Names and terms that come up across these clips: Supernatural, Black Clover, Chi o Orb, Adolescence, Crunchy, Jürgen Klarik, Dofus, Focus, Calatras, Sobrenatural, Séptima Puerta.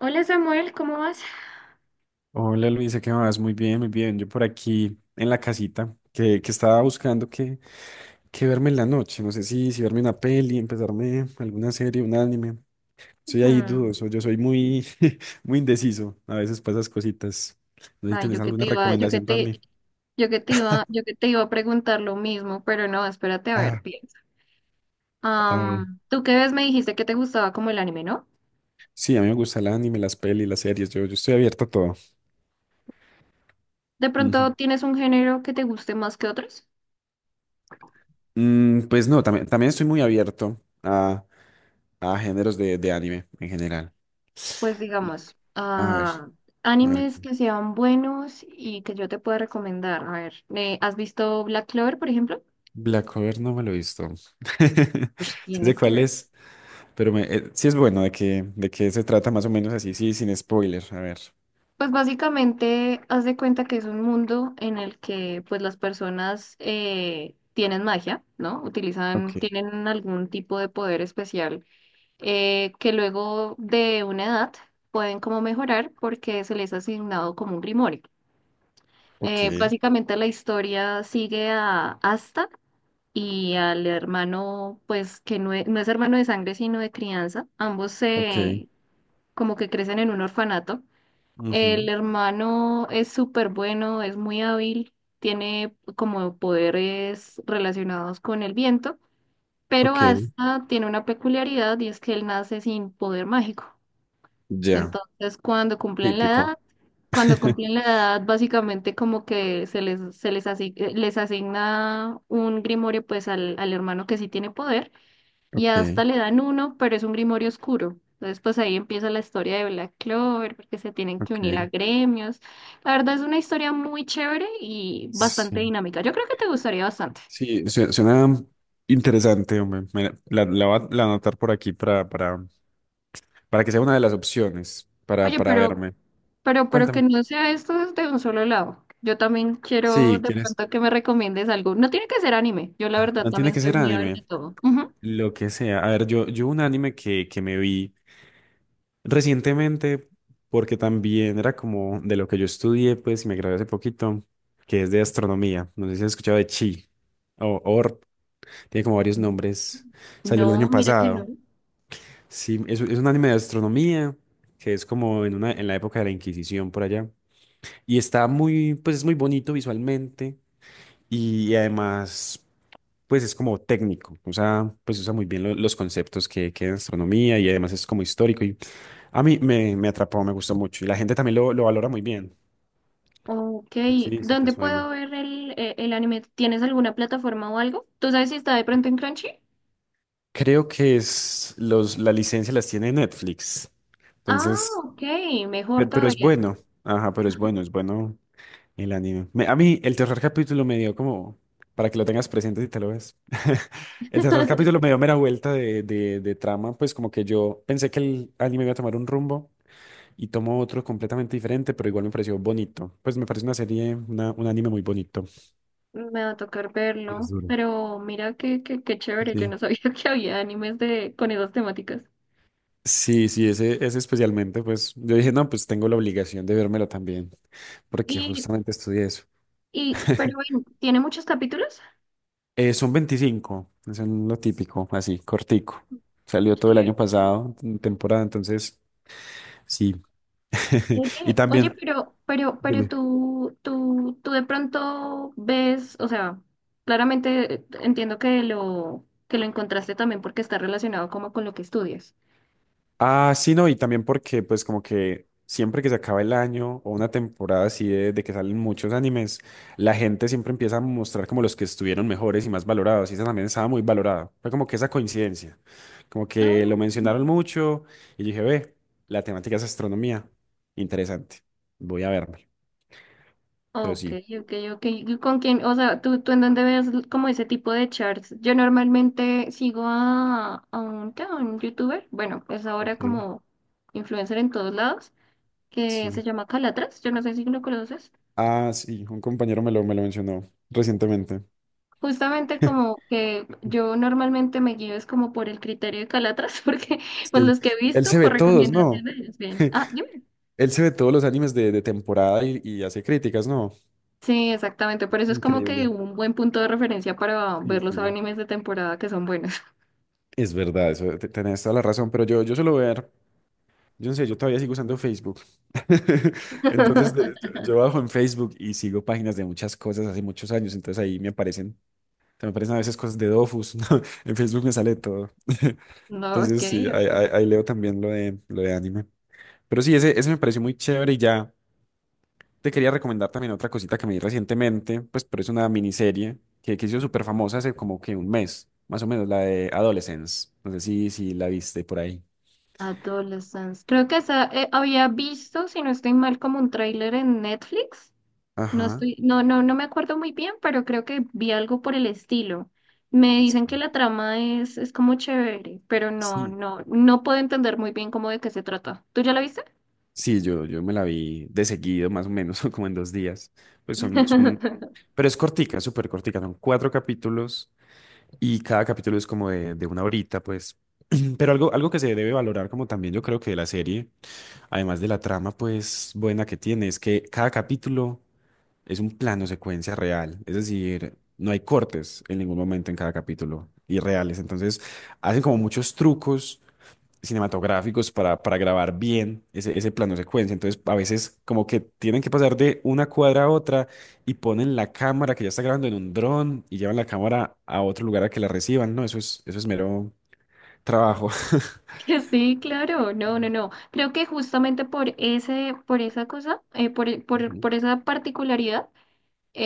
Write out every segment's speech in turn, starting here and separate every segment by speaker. Speaker 1: Hola Samuel, ¿cómo vas?
Speaker 2: Hola Luisa, ¿qué más? Muy bien, muy bien. Yo por aquí en la casita que estaba buscando qué verme en la noche. No sé si verme una peli, empezarme alguna serie, un anime. Soy ahí
Speaker 1: Mm.
Speaker 2: dudoso, yo soy muy, muy indeciso. A veces para esas cositas. No sé si
Speaker 1: Ay,
Speaker 2: tenés alguna recomendación para mí.
Speaker 1: Yo que te iba a preguntar lo mismo, pero no, espérate a ver,
Speaker 2: Ah,
Speaker 1: piensa.
Speaker 2: a ver.
Speaker 1: ¿Tú qué ves? Me dijiste que te gustaba como el anime, ¿no?
Speaker 2: Sí, a mí me gusta el anime, las pelis, las series. Yo estoy abierto a todo.
Speaker 1: ¿De
Speaker 2: Ujú.
Speaker 1: pronto tienes un género que te guste más que otros?
Speaker 2: Mm, pues no, también estoy muy abierto a géneros de anime en general.
Speaker 1: Pues digamos,
Speaker 2: A ver. A ver,
Speaker 1: animes que sean buenos y que yo te pueda recomendar. A ver, ¿has visto Black Clover, por ejemplo?
Speaker 2: Black Over no me lo he visto.
Speaker 1: Pues
Speaker 2: Sí sé
Speaker 1: tienes que
Speaker 2: cuál
Speaker 1: ver.
Speaker 2: es, pero sí es bueno de qué se trata más o menos así, sí, sin spoiler. A ver.
Speaker 1: Pues básicamente haz de cuenta que es un mundo en el que pues las personas tienen magia, ¿no?
Speaker 2: Ok,
Speaker 1: Utilizan, tienen algún tipo de poder especial que luego de una edad pueden como mejorar porque se les ha asignado como un grimorio.
Speaker 2: ok,
Speaker 1: Básicamente la historia sigue a Asta y al hermano pues que no es hermano de sangre sino de crianza. Ambos
Speaker 2: ok.
Speaker 1: se como que crecen en un orfanato. El
Speaker 2: Ujú.
Speaker 1: hermano es súper bueno, es muy hábil, tiene como poderes relacionados con el viento, pero
Speaker 2: Ok,
Speaker 1: hasta tiene una peculiaridad y es que él nace sin poder mágico.
Speaker 2: ya,
Speaker 1: Entonces,
Speaker 2: típico.
Speaker 1: cuando cumplen la edad, básicamente como que les asigna un grimorio pues al hermano que sí tiene poder y
Speaker 2: Ok,
Speaker 1: hasta le dan uno, pero es un Grimorio oscuro. Entonces, pues ahí empieza la historia de Black Clover, porque se tienen que unir a
Speaker 2: ok.
Speaker 1: gremios. La verdad es una historia muy chévere y bastante
Speaker 2: Sí,
Speaker 1: dinámica. Yo creo que te gustaría bastante.
Speaker 2: sí, suena interesante, hombre. La voy a la anotar por aquí para, que sea una de las opciones para,
Speaker 1: Oye,
Speaker 2: para
Speaker 1: pero,
Speaker 2: verme.
Speaker 1: pero, pero que
Speaker 2: Cuéntame.
Speaker 1: no sea esto desde un solo lado. Yo también quiero
Speaker 2: Sí,
Speaker 1: de
Speaker 2: ¿quieres?
Speaker 1: pronto que me recomiendes algo. No tiene que ser anime. Yo la verdad
Speaker 2: No tiene
Speaker 1: también
Speaker 2: que
Speaker 1: soy
Speaker 2: ser
Speaker 1: muy a ver de
Speaker 2: anime.
Speaker 1: todo. Ujú.
Speaker 2: Lo que sea. A ver, yo un anime que me vi recientemente, porque también era como de lo que yo estudié, pues, y me gradué hace poquito, que es de astronomía. No sé si has escuchado de Chi o Orb, tiene como varios nombres. Salió el
Speaker 1: No,
Speaker 2: año
Speaker 1: mira que no.
Speaker 2: pasado. Sí, es un anime de astronomía, que es como en en la época de la Inquisición por allá. Y está pues es muy bonito visualmente. Y además, pues es como técnico, pues usa muy bien los conceptos que hay en astronomía y además es como histórico y a mí me atrapó, me gustó mucho y la gente también lo valora muy bien.
Speaker 1: Ok,
Speaker 2: Sí, sí te
Speaker 1: ¿dónde
Speaker 2: suena.
Speaker 1: puedo ver el anime? ¿Tienes alguna plataforma o algo? ¿Tú sabes si está de pronto en Crunchy?
Speaker 2: Creo que es la licencia las tiene Netflix,
Speaker 1: Ah,
Speaker 2: entonces,
Speaker 1: ok, mejor
Speaker 2: pero, es
Speaker 1: todavía.
Speaker 2: bueno, ajá, pero es
Speaker 1: Ajá.
Speaker 2: bueno, es bueno el anime. A mí el tercer capítulo me dio como, para que lo tengas presente si te lo ves, el tercer capítulo me dio mera vuelta de, de trama, pues como que yo pensé que el anime iba a tomar un rumbo y tomo otro completamente diferente, pero igual me pareció bonito. Pues me parece una serie, un anime muy bonito.
Speaker 1: Me va a tocar
Speaker 2: Y es
Speaker 1: verlo,
Speaker 2: duro.
Speaker 1: pero mira qué chévere, yo
Speaker 2: Sí.
Speaker 1: no sabía que había animes de, con esas temáticas.
Speaker 2: Sí, sí, ese especialmente, pues yo dije, no, pues tengo la obligación de vérmelo también, porque
Speaker 1: Y,
Speaker 2: justamente estudié eso.
Speaker 1: pero bueno, ¿tiene muchos capítulos?
Speaker 2: Son 25, es lo típico, así, cortico. Salió todo el
Speaker 1: Sí.
Speaker 2: año pasado, en temporada, entonces, sí. Y también,
Speaker 1: Pero, pero
Speaker 2: dime.
Speaker 1: tú de pronto ves, o sea, claramente entiendo que que lo encontraste también porque está relacionado como con lo que estudias.
Speaker 2: Ah, sí, no, y también porque pues como que siempre que se acaba el año o una temporada así de que salen muchos animes, la gente siempre empieza a mostrar como los que estuvieron mejores y más valorados, y esa también estaba muy valorada. Fue como que esa coincidencia, como que
Speaker 1: Ah,
Speaker 2: lo mencionaron mucho y dije, ve, la temática es astronomía, interesante, voy a verme, pero
Speaker 1: ok,
Speaker 2: sí.
Speaker 1: ok. ¿Y ¿Con quién? O sea, ¿tú en dónde ves l- como ese tipo de charts? Yo normalmente sigo a un, ¿qué? A un youtuber, bueno, es ahora
Speaker 2: Ok.
Speaker 1: como influencer en todos lados, que
Speaker 2: Sí.
Speaker 1: se llama Calatras, yo no sé si lo conoces.
Speaker 2: Ah, sí, un compañero me lo mencionó recientemente.
Speaker 1: Justamente como que yo normalmente me guío es como por el criterio de Calatras, porque pues
Speaker 2: Sí,
Speaker 1: los que he
Speaker 2: él se
Speaker 1: visto
Speaker 2: ve
Speaker 1: por
Speaker 2: todos, ¿no?
Speaker 1: recomendaciones, es bien. Ah, dime.
Speaker 2: Él se ve todos los animes de temporada y hace críticas, ¿no?
Speaker 1: Sí, exactamente, por eso es como que
Speaker 2: Increíble.
Speaker 1: un buen punto de referencia para
Speaker 2: Sí,
Speaker 1: ver los
Speaker 2: sí.
Speaker 1: animes de temporada que son buenos.
Speaker 2: Es verdad, eso, tenés toda la razón, pero yo suelo ver, yo no sé, yo todavía sigo usando Facebook. Entonces, de- yo, yo bajo en Facebook y sigo páginas de muchas cosas hace muchos años, entonces ahí me aparecen a veces cosas de Dofus, ¿no? En Facebook me sale todo.
Speaker 1: No, ok,
Speaker 2: Entonces, sí, ahí,
Speaker 1: ok.
Speaker 2: ahí- ahí leo también lo de anime. Pero sí, ese me pareció muy chévere y ya. Te quería recomendar también otra cosita que me vi recientemente, pues, pero es una miniserie que hizo súper famosa hace como que un mes, más o menos, la de Adolescence. No sé si la viste por ahí.
Speaker 1: Adolescence. Creo que esa había visto, si no estoy mal, como un tráiler en Netflix. No
Speaker 2: Ajá.
Speaker 1: estoy, no me acuerdo muy bien, pero creo que vi algo por el estilo. Me dicen que
Speaker 2: Sí.
Speaker 1: es como chévere, pero
Speaker 2: Sí,
Speaker 1: no puedo entender muy bien cómo de qué se trata. ¿Tú ya la viste?
Speaker 2: sí, yo me la vi de seguido, más o menos, como en 2 días. Pues pero es cortica, súper cortica, son 4 capítulos y cada capítulo es como de una horita, pues. Pero algo que se debe valorar como también yo creo que de la serie, además de la trama, pues buena que tiene, es que cada capítulo es un plano secuencia real, es decir, no hay cortes en ningún momento en cada capítulo y reales. Entonces, hacen como muchos trucos cinematográficos para grabar bien ese plano secuencia. Entonces, a veces como que tienen que pasar de una cuadra a otra y ponen la cámara que ya está grabando en un dron y llevan la cámara a otro lugar a que la reciban. No, eso es mero trabajo.
Speaker 1: Que sí, claro, no, no, no. Creo que justamente por por esa cosa,
Speaker 2: Ujú.
Speaker 1: por esa particularidad.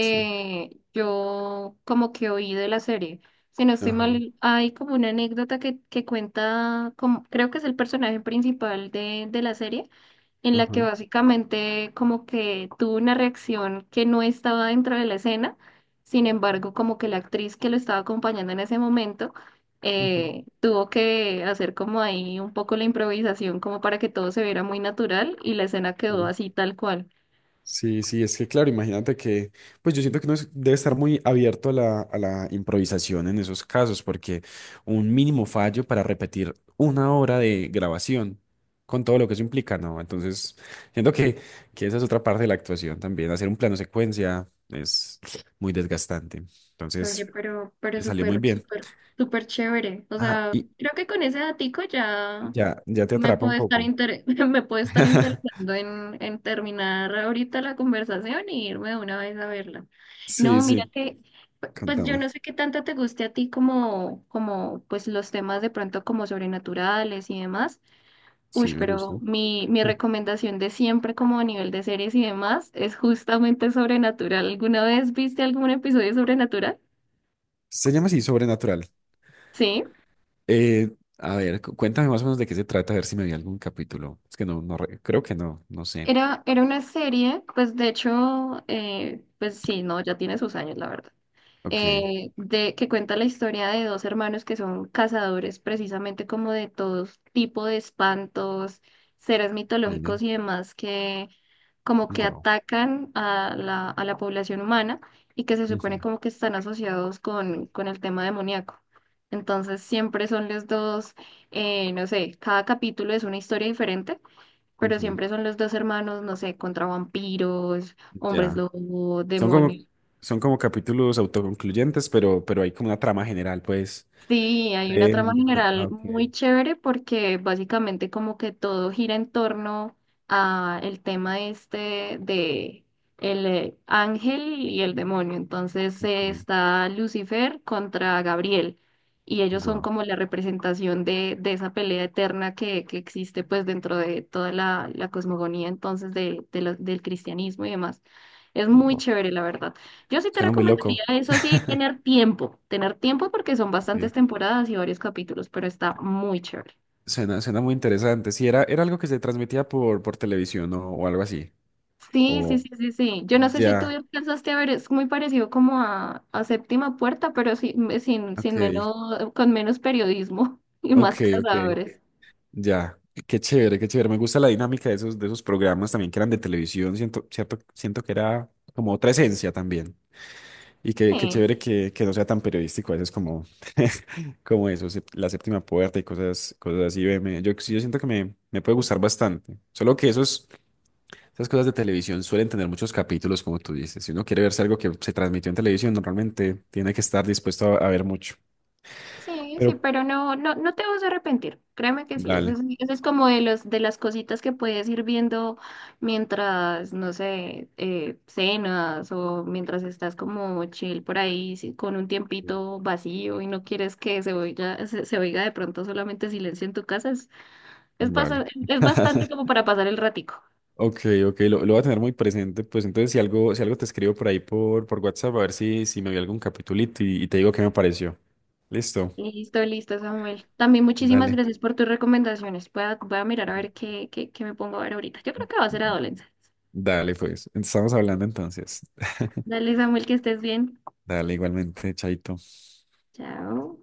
Speaker 2: Sí.
Speaker 1: Yo como que oí de la serie. Si no estoy
Speaker 2: Ajá,
Speaker 1: mal, hay como una anécdota que cuenta, como, creo que es el personaje principal de la serie, en la que
Speaker 2: ajá.
Speaker 1: básicamente como que tuvo una reacción que no estaba dentro de la escena, sin embargo, como que la actriz que lo estaba acompañando en ese momento
Speaker 2: Ujú,
Speaker 1: tuvo que hacer como ahí un poco la improvisación como para que todo se viera muy natural y la escena quedó
Speaker 2: sí.
Speaker 1: así tal cual.
Speaker 2: Sí, sí, es que claro, imagínate que, pues yo siento que uno debe estar muy abierto a la improvisación en esos casos, porque un mínimo fallo para repetir una hora de grabación con todo lo que eso implica, ¿no? Entonces, siento que esa es otra parte de la actuación también, hacer un plano secuencia es muy desgastante.
Speaker 1: Oye,
Speaker 2: Entonces,
Speaker 1: pero,
Speaker 2: le salió muy bien.
Speaker 1: súper chévere. O
Speaker 2: Ajá,
Speaker 1: sea,
Speaker 2: y
Speaker 1: creo que con ese datico ya
Speaker 2: ya, ya te
Speaker 1: me
Speaker 2: atrapa un
Speaker 1: puede estar
Speaker 2: poco.
Speaker 1: inter- me puede estar interesando en terminar ahorita la conversación y irme de una vez a verla.
Speaker 2: Sí,
Speaker 1: No, mira
Speaker 2: sí,
Speaker 1: que, pues yo
Speaker 2: contame.
Speaker 1: no sé qué tanto te guste a ti como, como, pues los temas de pronto como sobrenaturales y demás.
Speaker 2: Sí,
Speaker 1: Uy,
Speaker 2: me gusta.
Speaker 1: pero mi recomendación de siempre como a nivel de series y demás es justamente sobrenatural. ¿Alguna vez viste algún episodio de sobrenatural?
Speaker 2: Se llama así, Sobrenatural.
Speaker 1: Sí,
Speaker 2: Eh, a ver, cuéntame más o menos de qué se trata, a ver si me vi algún capítulo. Es que no, no, creo que no, no sé.
Speaker 1: era una serie, pues de hecho, pues sí, no, ya tiene sus años, la verdad.
Speaker 2: Ok,
Speaker 1: Que cuenta la historia de dos hermanos que son cazadores precisamente como de todo tipo de espantos, seres mitológicos y demás que como que
Speaker 2: wow.
Speaker 1: atacan a a la población humana y que se supone como que están asociados con el tema demoníaco. Entonces siempre son los dos, no sé, cada capítulo es una historia diferente pero siempre son los dos hermanos, no sé, contra vampiros, hombres
Speaker 2: Ya.
Speaker 1: lobo,
Speaker 2: Son como,
Speaker 1: demonios.
Speaker 2: son como capítulos autoconcluyentes, pero hay como una trama general, pues.
Speaker 1: Sí, hay una trama
Speaker 2: De... ah,
Speaker 1: general
Speaker 2: ok,
Speaker 1: muy chévere porque básicamente como que todo gira en torno a el tema este de el ángel y el demonio. Entonces
Speaker 2: ok,
Speaker 1: está Lucifer contra Gabriel y ellos son
Speaker 2: guau.
Speaker 1: como la representación de esa pelea eterna que existe pues dentro de toda la cosmogonía entonces de lo- del cristianismo y demás. Es muy
Speaker 2: Buah.
Speaker 1: chévere, la verdad. Yo sí te
Speaker 2: Suena muy loco.
Speaker 1: recomendaría eso, sí, tener tiempo porque son bastantes
Speaker 2: Ok.
Speaker 1: temporadas y varios capítulos, pero está muy chévere.
Speaker 2: Suena muy interesante. Sí, era algo que se transmitía por televisión o algo así.
Speaker 1: Sí, sí,
Speaker 2: O
Speaker 1: sí, sí, sí. Yo no sé si tú
Speaker 2: ya,
Speaker 1: alcanzaste a ver, es muy parecido como a Séptima Puerta, pero sin, sin,
Speaker 2: ok,
Speaker 1: sin menos, con menos periodismo y
Speaker 2: ok,
Speaker 1: más
Speaker 2: ok.
Speaker 1: cazadores.
Speaker 2: Ya, qué chévere, qué chévere. Me gusta la dinámica de esos programas también que eran de televisión. Siento, cierto, siento que era como otra esencia también. Y qué chévere que no sea tan periodístico a veces como, como eso, la séptima puerta y cosas así. Ve, yo, sí, yo siento que me puede gustar bastante. Solo que esas cosas de televisión suelen tener muchos capítulos, como tú dices. Si uno quiere verse algo que se transmitió en televisión, normalmente tiene que estar dispuesto a ver mucho.
Speaker 1: Sí, sí,
Speaker 2: Pero,
Speaker 1: pero no, no, no te vas a arrepentir. Créeme que sí.
Speaker 2: dale,
Speaker 1: Eso es como de los, de las cositas que puedes ir viendo mientras, no sé, cenas o mientras estás como chill por ahí sí, con un tiempito vacío y no quieres que se oiga, se oiga de pronto solamente silencio en tu casa.
Speaker 2: vale.
Speaker 1: Es bastante como para pasar el ratico.
Speaker 2: Ok, ok, lo voy a tener muy presente. Pues entonces si algo te escribo por ahí por WhatsApp, a ver si me vi algún capitulito y te digo qué me pareció. Listo.
Speaker 1: Listo, listo, Samuel. También muchísimas
Speaker 2: Dale,
Speaker 1: gracias por tus recomendaciones. Voy a mirar a ver qué me pongo a ver ahorita. Yo creo que va a ser adolescencia.
Speaker 2: dale pues. Estamos hablando entonces.
Speaker 1: Dale, Samuel, que estés bien.
Speaker 2: Dale, igualmente, chaito.
Speaker 1: Chao.